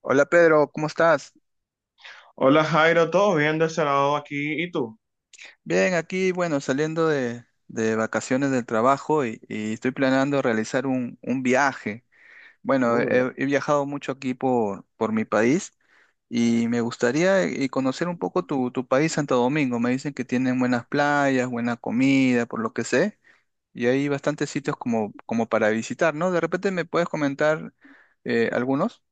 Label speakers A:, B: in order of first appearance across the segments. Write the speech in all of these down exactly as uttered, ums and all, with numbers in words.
A: Hola Pedro, ¿cómo estás?
B: Hola Jairo, ¿todo bien de ese lado aquí? ¿Y tú?
A: Bien, aquí, bueno, saliendo de, de vacaciones del trabajo y, y estoy planeando realizar un, un viaje. Bueno,
B: Uy.
A: he, he viajado mucho aquí por, por mi país y me gustaría eh, conocer un poco tu, tu país, Santo Domingo. Me dicen que tienen buenas playas, buena comida, por lo que sé, y hay bastantes sitios como, como para visitar, ¿no? De repente me puedes comentar eh, algunos.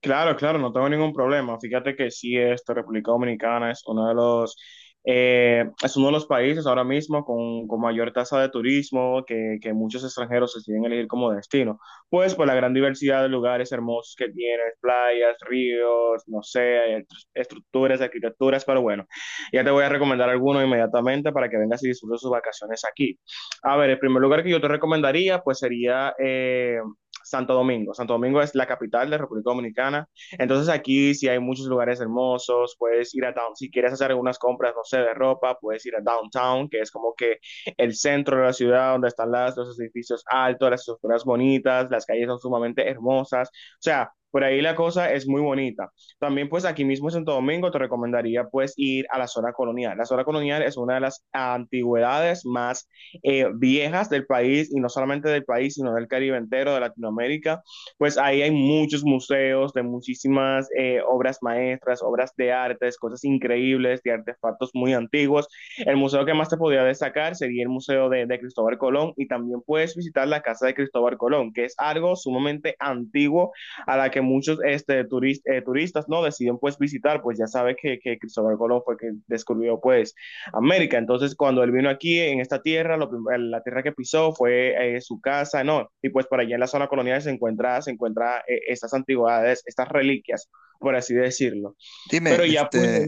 B: Claro, claro, no tengo ningún problema. Fíjate que sí, esta República Dominicana es uno de los, eh, es uno de los países ahora mismo con, con mayor tasa de turismo que, que muchos extranjeros deciden elegir como destino. Pues por la gran diversidad de lugares hermosos que tiene, playas, ríos, no sé, est- estructuras, arquitecturas, pero bueno, ya te voy a recomendar alguno inmediatamente para que vengas y disfrutes sus vacaciones aquí. A ver, el primer lugar que yo te recomendaría pues sería... eh, Santo Domingo. Santo Domingo es la capital de República Dominicana. Entonces aquí sí hay muchos lugares hermosos, puedes ir a downtown si quieres hacer algunas compras, no sé, de ropa, puedes ir a downtown, que es como que el centro de la ciudad donde están las, los edificios altos, las estructuras bonitas, las calles son sumamente hermosas. O sea, por ahí la cosa es muy bonita. También pues aquí mismo en Santo Domingo te recomendaría pues ir a la zona colonial. La zona colonial es una de las antigüedades más eh, viejas del país, y no solamente del país, sino del Caribe entero, de Latinoamérica. Pues ahí hay muchos museos de muchísimas eh, obras maestras, obras de artes, cosas increíbles, de artefactos muy antiguos. El museo que más te podría destacar sería el Museo de, de Cristóbal Colón, y también puedes visitar la Casa de Cristóbal Colón, que es algo sumamente antiguo, a la que muchos este, turist, eh, turistas no deciden pues visitar. Pues ya sabes que, que Cristóbal Colón fue que descubrió pues América. Entonces, cuando él vino aquí en esta tierra, lo, la tierra que pisó fue eh, su casa, ¿no? Y pues por allá en la zona colonial se encuentra, se encuentra eh, estas antigüedades, estas reliquias, por así decirlo.
A: Dime,
B: Pero ya pues,
A: este,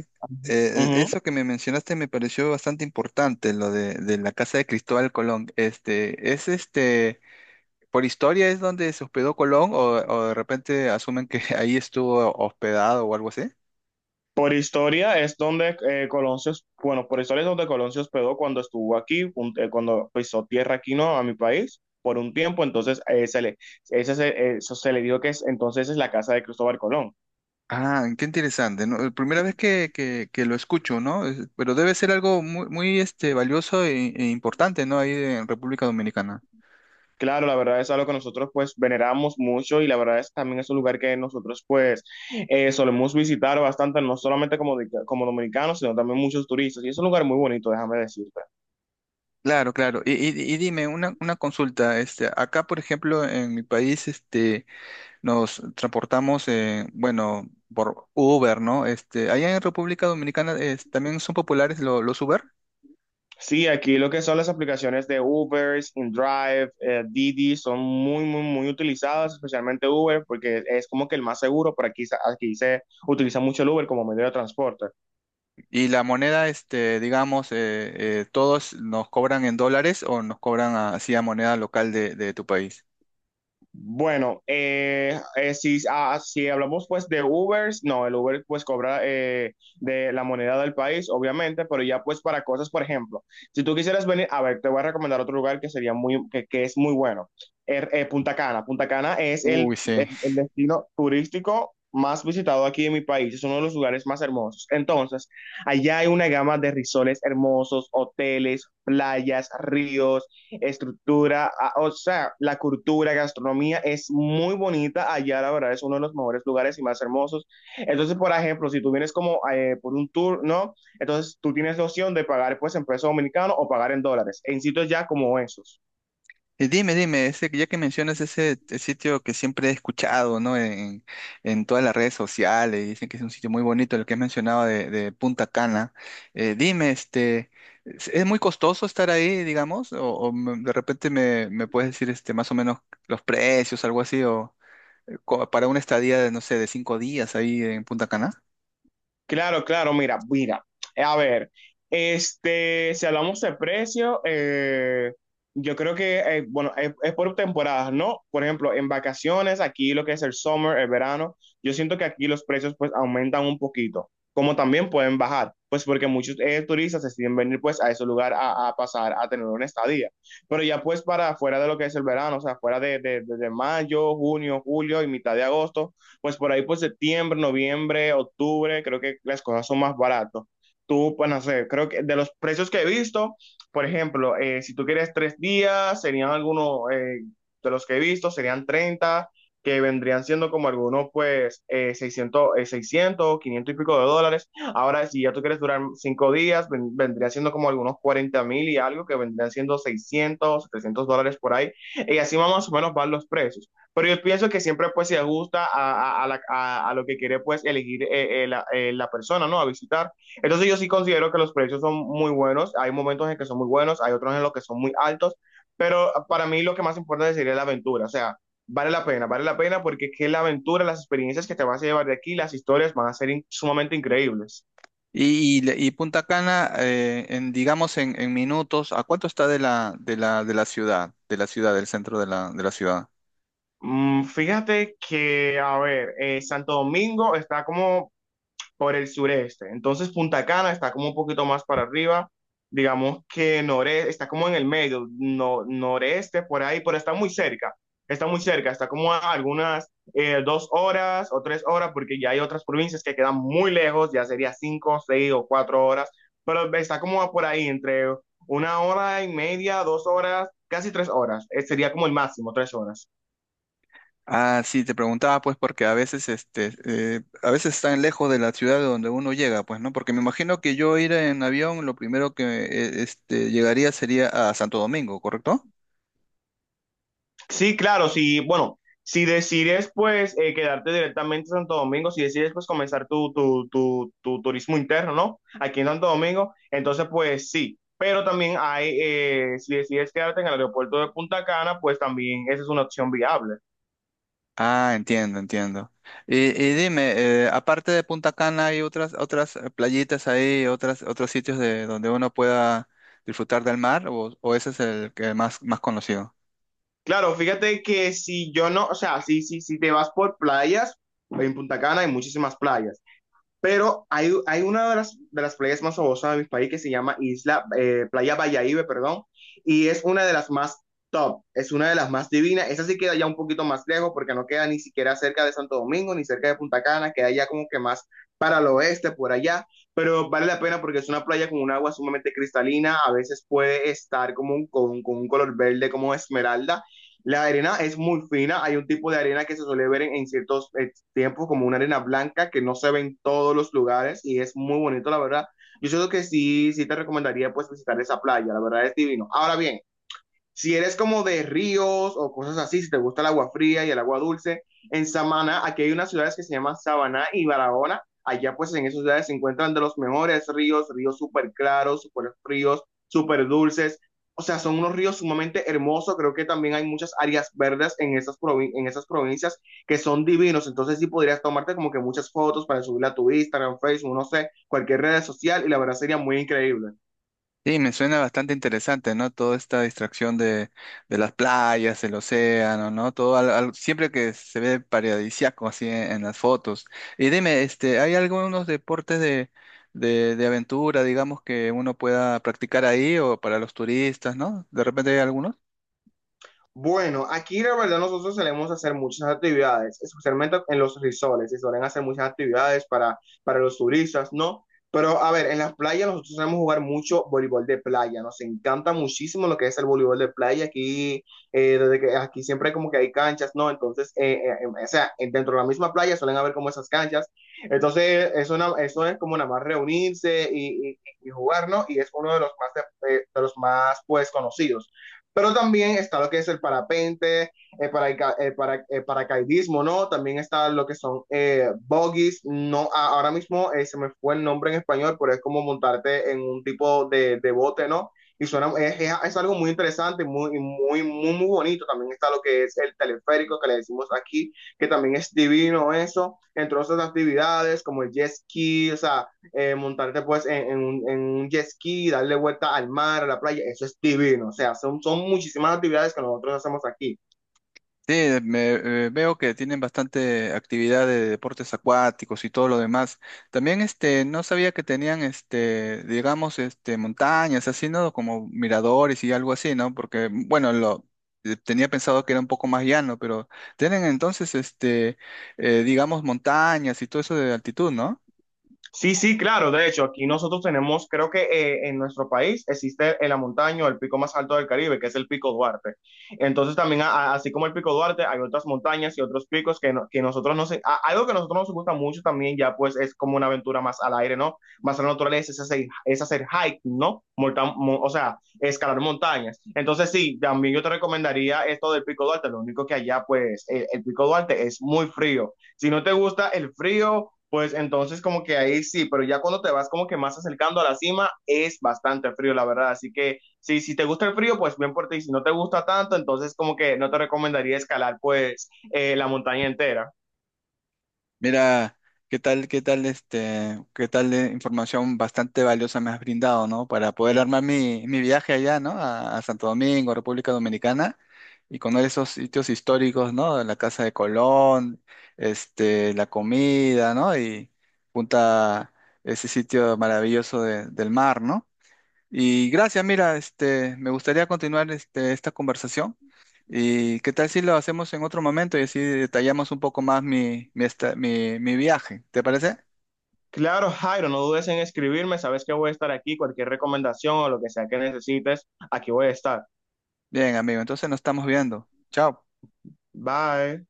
B: uh
A: eh, e,
B: -huh,
A: eso que me mencionaste me pareció bastante importante, lo de, de la casa de Cristóbal Colón. Este, ¿es este, por historia es donde se hospedó Colón o, o de repente asumen que ahí estuvo hospedado o algo así?
B: por historia es donde eh, Coloncio, bueno, por historia es donde Colón se hospedó cuando estuvo aquí, un, eh, cuando pisó tierra aquí, ¿no? A mi país por un tiempo. Entonces eh, se le, ese, se, eso se le dijo que es, entonces es la casa de Cristóbal Colón.
A: Ah, qué interesante, ¿no? Eh, primera vez que, que, que lo escucho, ¿no? Es- Pero debe ser algo muy, muy este, valioso e, e importante, ¿no? Ahí en República Dominicana.
B: Claro, la verdad es algo que nosotros pues veneramos mucho, y la verdad es que también es un lugar que nosotros pues eh, solemos visitar bastante, no solamente como, di- como dominicanos, sino también muchos turistas. Y es un lugar muy bonito, déjame decirte.
A: Claro, claro. Y, y- y dime, una, una consulta, este, acá, por ejemplo, en mi país, este, nos transportamos, eh, bueno, por Uber, ¿no? Este, allá en República Dominicana es- también son populares lo- los Uber,
B: Sí, aquí lo que son las aplicaciones de Uber, InDrive, eh, Didi son muy, muy, muy utilizadas, especialmente Uber, porque es como que el más seguro, pero aquí, se- aquí se utiliza mucho el Uber como medio de transporte.
A: y la moneda, este, digamos, eh, eh, todos nos cobran en dólares o nos cobran así a moneda local de, de tu país.
B: Bueno, eh, eh, si, ah, si hablamos pues de Ubers, no, el Uber pues cobra eh, de la moneda del país, obviamente, pero ya pues para cosas, por ejemplo, si tú quisieras venir, a ver, te voy a recomendar otro lugar que sería muy, que, que es muy bueno. Er- eh, Punta Cana. Punta Cana es
A: Uy,
B: el, el,
A: sí.
B: el destino turístico más visitado aquí en mi país, es uno de los lugares más hermosos. Entonces, allá hay una gama de risoles hermosos, hoteles, playas, ríos, estructura, ah, o sea, la cultura, gastronomía es muy bonita allá, la verdad, es uno de los mejores lugares y más hermosos. Entonces, por ejemplo, si tú vienes como eh, por un tour, ¿no? Entonces tú tienes la opción de pagar pues en peso dominicano o pagar en dólares, en sitios ya como esos.
A: Y dime, dime, ese, ya que mencionas ese eh, sitio que siempre he escuchado, ¿no? En, en todas las redes sociales, dicen que es un sitio muy bonito, el que has mencionado de, de Punta Cana. Eh, dime, este, ¿es es muy costoso estar ahí, digamos? O, o me- de repente me, me puedes decir este, más o menos los precios, algo así, o eh, co- para una estadía de, no sé, de cinco días ahí en Punta Cana.
B: Claro, claro, mira, mira. Eh, A ver, este, si hablamos de precio, eh, yo creo que, eh, bueno, es, es por temporadas, ¿no? Por ejemplo, en vacaciones, aquí lo que es el summer, el verano, yo siento que aquí los precios pues aumentan un poquito, como también pueden bajar, pues porque muchos eh, turistas deciden venir pues a ese lugar a, a pasar, a tener una estadía. Pero ya pues, para fuera de lo que es el verano, o sea, fuera de, de, de de mayo, junio, julio y mitad de agosto, pues por ahí por septiembre, noviembre, octubre, creo que las cosas son más baratas. Tú, pues no sé, creo que de los precios que he visto, por ejemplo, eh, si tú quieres tres días, serían algunos, eh, de los que he visto, serían treinta, que vendrían siendo como algunos, pues, eh, seiscientos, eh, seiscientos, quinientos y pico de dólares. Ahora, si ya tú quieres durar cinco días, ven- vendría siendo como algunos cuarenta mil y algo, que vendrían siendo seiscientos, trescientos dólares por ahí. Y así más o menos van los precios. Pero yo pienso que siempre pues se ajusta a, a- a la- a- a lo que quiere pues elegir eh, eh, la, eh, la persona, ¿no? A visitar. Entonces yo sí considero que los precios son muy buenos. Hay momentos en que son muy buenos, hay otros en los que son muy altos, pero ah, para mí lo que más importante sería la aventura. O sea, vale la pena, vale la pena, porque es que la aventura, las experiencias que te vas a llevar de aquí, las historias van a ser in- sumamente increíbles.
A: Y, y, le- y Punta Cana, eh, en, digamos, en, en minutos, ¿a cuánto está de la, de la, de la ciudad, de la ciudad, del centro de la, de la ciudad?
B: Mm, fíjate que, a ver, eh, Santo Domingo está como por el sureste. Entonces Punta Cana está como un poquito más para arriba, digamos que noreste, está como en el medio, no, noreste por ahí, pero está muy cerca, está muy cerca, está como a algunas eh, dos horas o tres horas, porque ya hay otras provincias que quedan muy lejos, ya sería cinco, seis o cuatro horas, pero está como a por ahí entre una hora y media, dos horas, casi tres horas. Eh, sería como el máximo, tres horas.
A: Ah, sí, te preguntaba pues porque a veces este eh, a veces están lejos de la ciudad de donde uno llega, pues, ¿no? Porque me imagino que yo ir en avión, lo primero que eh, este llegaría sería a Santo Domingo, ¿correcto?
B: Sí, claro, sí, bueno, si decides pues eh, quedarte directamente en Santo Domingo, si decides pues comenzar tu, tu, tu, tu turismo interno, ¿no? Aquí en Santo Domingo, entonces pues sí, pero también hay, eh, si decides quedarte en el aeropuerto de Punta Cana, pues también esa es una opción viable.
A: Ah, entiendo, entiendo. Y, y dime, eh, aparte de Punta Cana, ¿hay otras otras eh, playitas ahí, otras otros sitios de donde uno pueda disfrutar del mar o, o ese es el que más más conocido?
B: Claro, fíjate que si yo no, o sea, si, si, si te vas por playas, en Punta Cana hay muchísimas playas. Pero hay, hay una de las, de las playas más famosas de mi país que se llama Isla, eh, Playa Valladolid, perdón, y es una de las más top, es una de las más divinas. Esa sí queda ya un poquito más lejos, porque no queda ni siquiera cerca de Santo Domingo ni cerca de Punta Cana, queda ya como que más para el oeste, por allá, pero vale la pena porque es una playa con un agua sumamente cristalina. A veces puede estar como un, con, con un color verde como esmeralda. La arena es muy fina, hay un tipo de arena que se suele ver en, en ciertos, en tiempos, como una arena blanca que no se ve en todos los lugares, y es muy bonito, la verdad. Yo siento que sí, sí te recomendaría pues visitar esa playa, la verdad es divino. Ahora bien, si eres como de ríos o cosas así, si te gusta el agua fría y el agua dulce, en Samaná, aquí hay unas ciudades que se llaman Samaná y Barahona. Allá pues en esas ciudades se encuentran de los mejores ríos, ríos súper claros, súper fríos, súper dulces. O sea, son unos ríos sumamente hermosos. Creo que también hay muchas áreas verdes en esas, provin- en esas provincias, que son divinos. Entonces sí podrías tomarte como que muchas fotos para subirla a tu Instagram, Facebook, no sé, cualquier red social, y la verdad sería muy increíble.
A: Sí, me suena bastante interesante, ¿no? Toda esta distracción de, de las playas, el océano, ¿no? Todo al- al- siempre que se ve paradisíaco así en, en las fotos. Y dime, este, ¿hay algunos deportes de, de, de aventura, digamos, que uno pueda practicar ahí o para los turistas, ¿no? De repente hay algunos.
B: Bueno, aquí la verdad nosotros solemos hacer muchas actividades, especialmente en los resorts, se suelen hacer muchas actividades para, para los turistas, ¿no? Pero a ver, en las playas nosotros solemos jugar mucho voleibol de playa, nos encanta muchísimo lo que es el voleibol de playa aquí, eh, desde que aquí siempre como que hay canchas, ¿no? Entonces, eh, eh, eh, o sea, dentro de la misma playa suelen haber como esas canchas, entonces es una, eso es como nada más reunirse y, y, y jugar, ¿no? Y es uno de los más, de, eh, de los más pues conocidos. Pero también está lo que es el parapente, el, para, el, para, el paracaidismo, ¿no? También está lo que son eh, buggies, no, ahora mismo eh, se me fue el nombre en español, pero es como montarte en un tipo de, de bote, ¿no? Y suena, es, es, algo muy interesante, muy, muy, muy, muy bonito. También está lo que es el teleférico que le decimos aquí, que también es divino eso. Entre otras actividades como el jet ski, o sea, eh, montarte pues en, en, un, en, un jet ski, darle vuelta al mar, a la playa, eso es divino, o sea, son, son muchísimas actividades que nosotros hacemos aquí.
A: Sí, me, eh, veo que tienen bastante actividad de deportes acuáticos y todo lo demás. También este, no sabía que tenían este, digamos, este, montañas, así, ¿no? Como miradores y algo así, ¿no? Porque, bueno, lo eh, tenía pensado que era un poco más llano, pero tienen entonces este, eh, digamos, montañas y todo eso de altitud, ¿no?
B: Sí, sí, claro. De hecho, aquí nosotros tenemos, creo que eh, en nuestro país existe en la montaña el pico más alto del Caribe, que es el Pico Duarte. Entonces también, a- a- así como el Pico Duarte, hay otras montañas y otros picos que, no- que nosotros no sé, a- algo que a nosotros nos gusta mucho también, ya pues es como una aventura más al aire, ¿no? Más a la naturaleza, es hacer, es hacer hiking, ¿no? Monta- mo- o sea, escalar montañas. Entonces sí, también yo te recomendaría esto del Pico Duarte. Lo único que allá pues el, el Pico Duarte es muy frío. Si no te gusta el frío, pues entonces como que ahí sí, pero ya cuando te vas como que más acercando a la cima es bastante frío, la verdad. Así que sí, si te gusta el frío, pues bien por ti. Si no te gusta tanto, entonces como que no te recomendaría escalar pues eh, la montaña entera.
A: Mira, qué tal, qué tal, este, qué tal de información bastante valiosa me has brindado, ¿no? Para poder armar mi, mi viaje allá, ¿no? A, a Santo Domingo, República Dominicana, y conocer esos sitios históricos, ¿no? La Casa de Colón, este, la comida, ¿no? Y punta ese sitio maravilloso de- del mar, ¿no? Y gracias, mira, este, me gustaría continuar este, esta conversación. ¿Y qué tal si lo hacemos en otro momento y así detallamos un poco más mi, mi, esta- mi mi viaje? ¿Te parece?
B: Claro, Jairo, no dudes en escribirme. Sabes que voy a estar aquí. Cualquier recomendación o lo que sea que necesites, aquí voy a estar.
A: Bien, amigo, entonces nos estamos viendo. Chao.
B: Bye.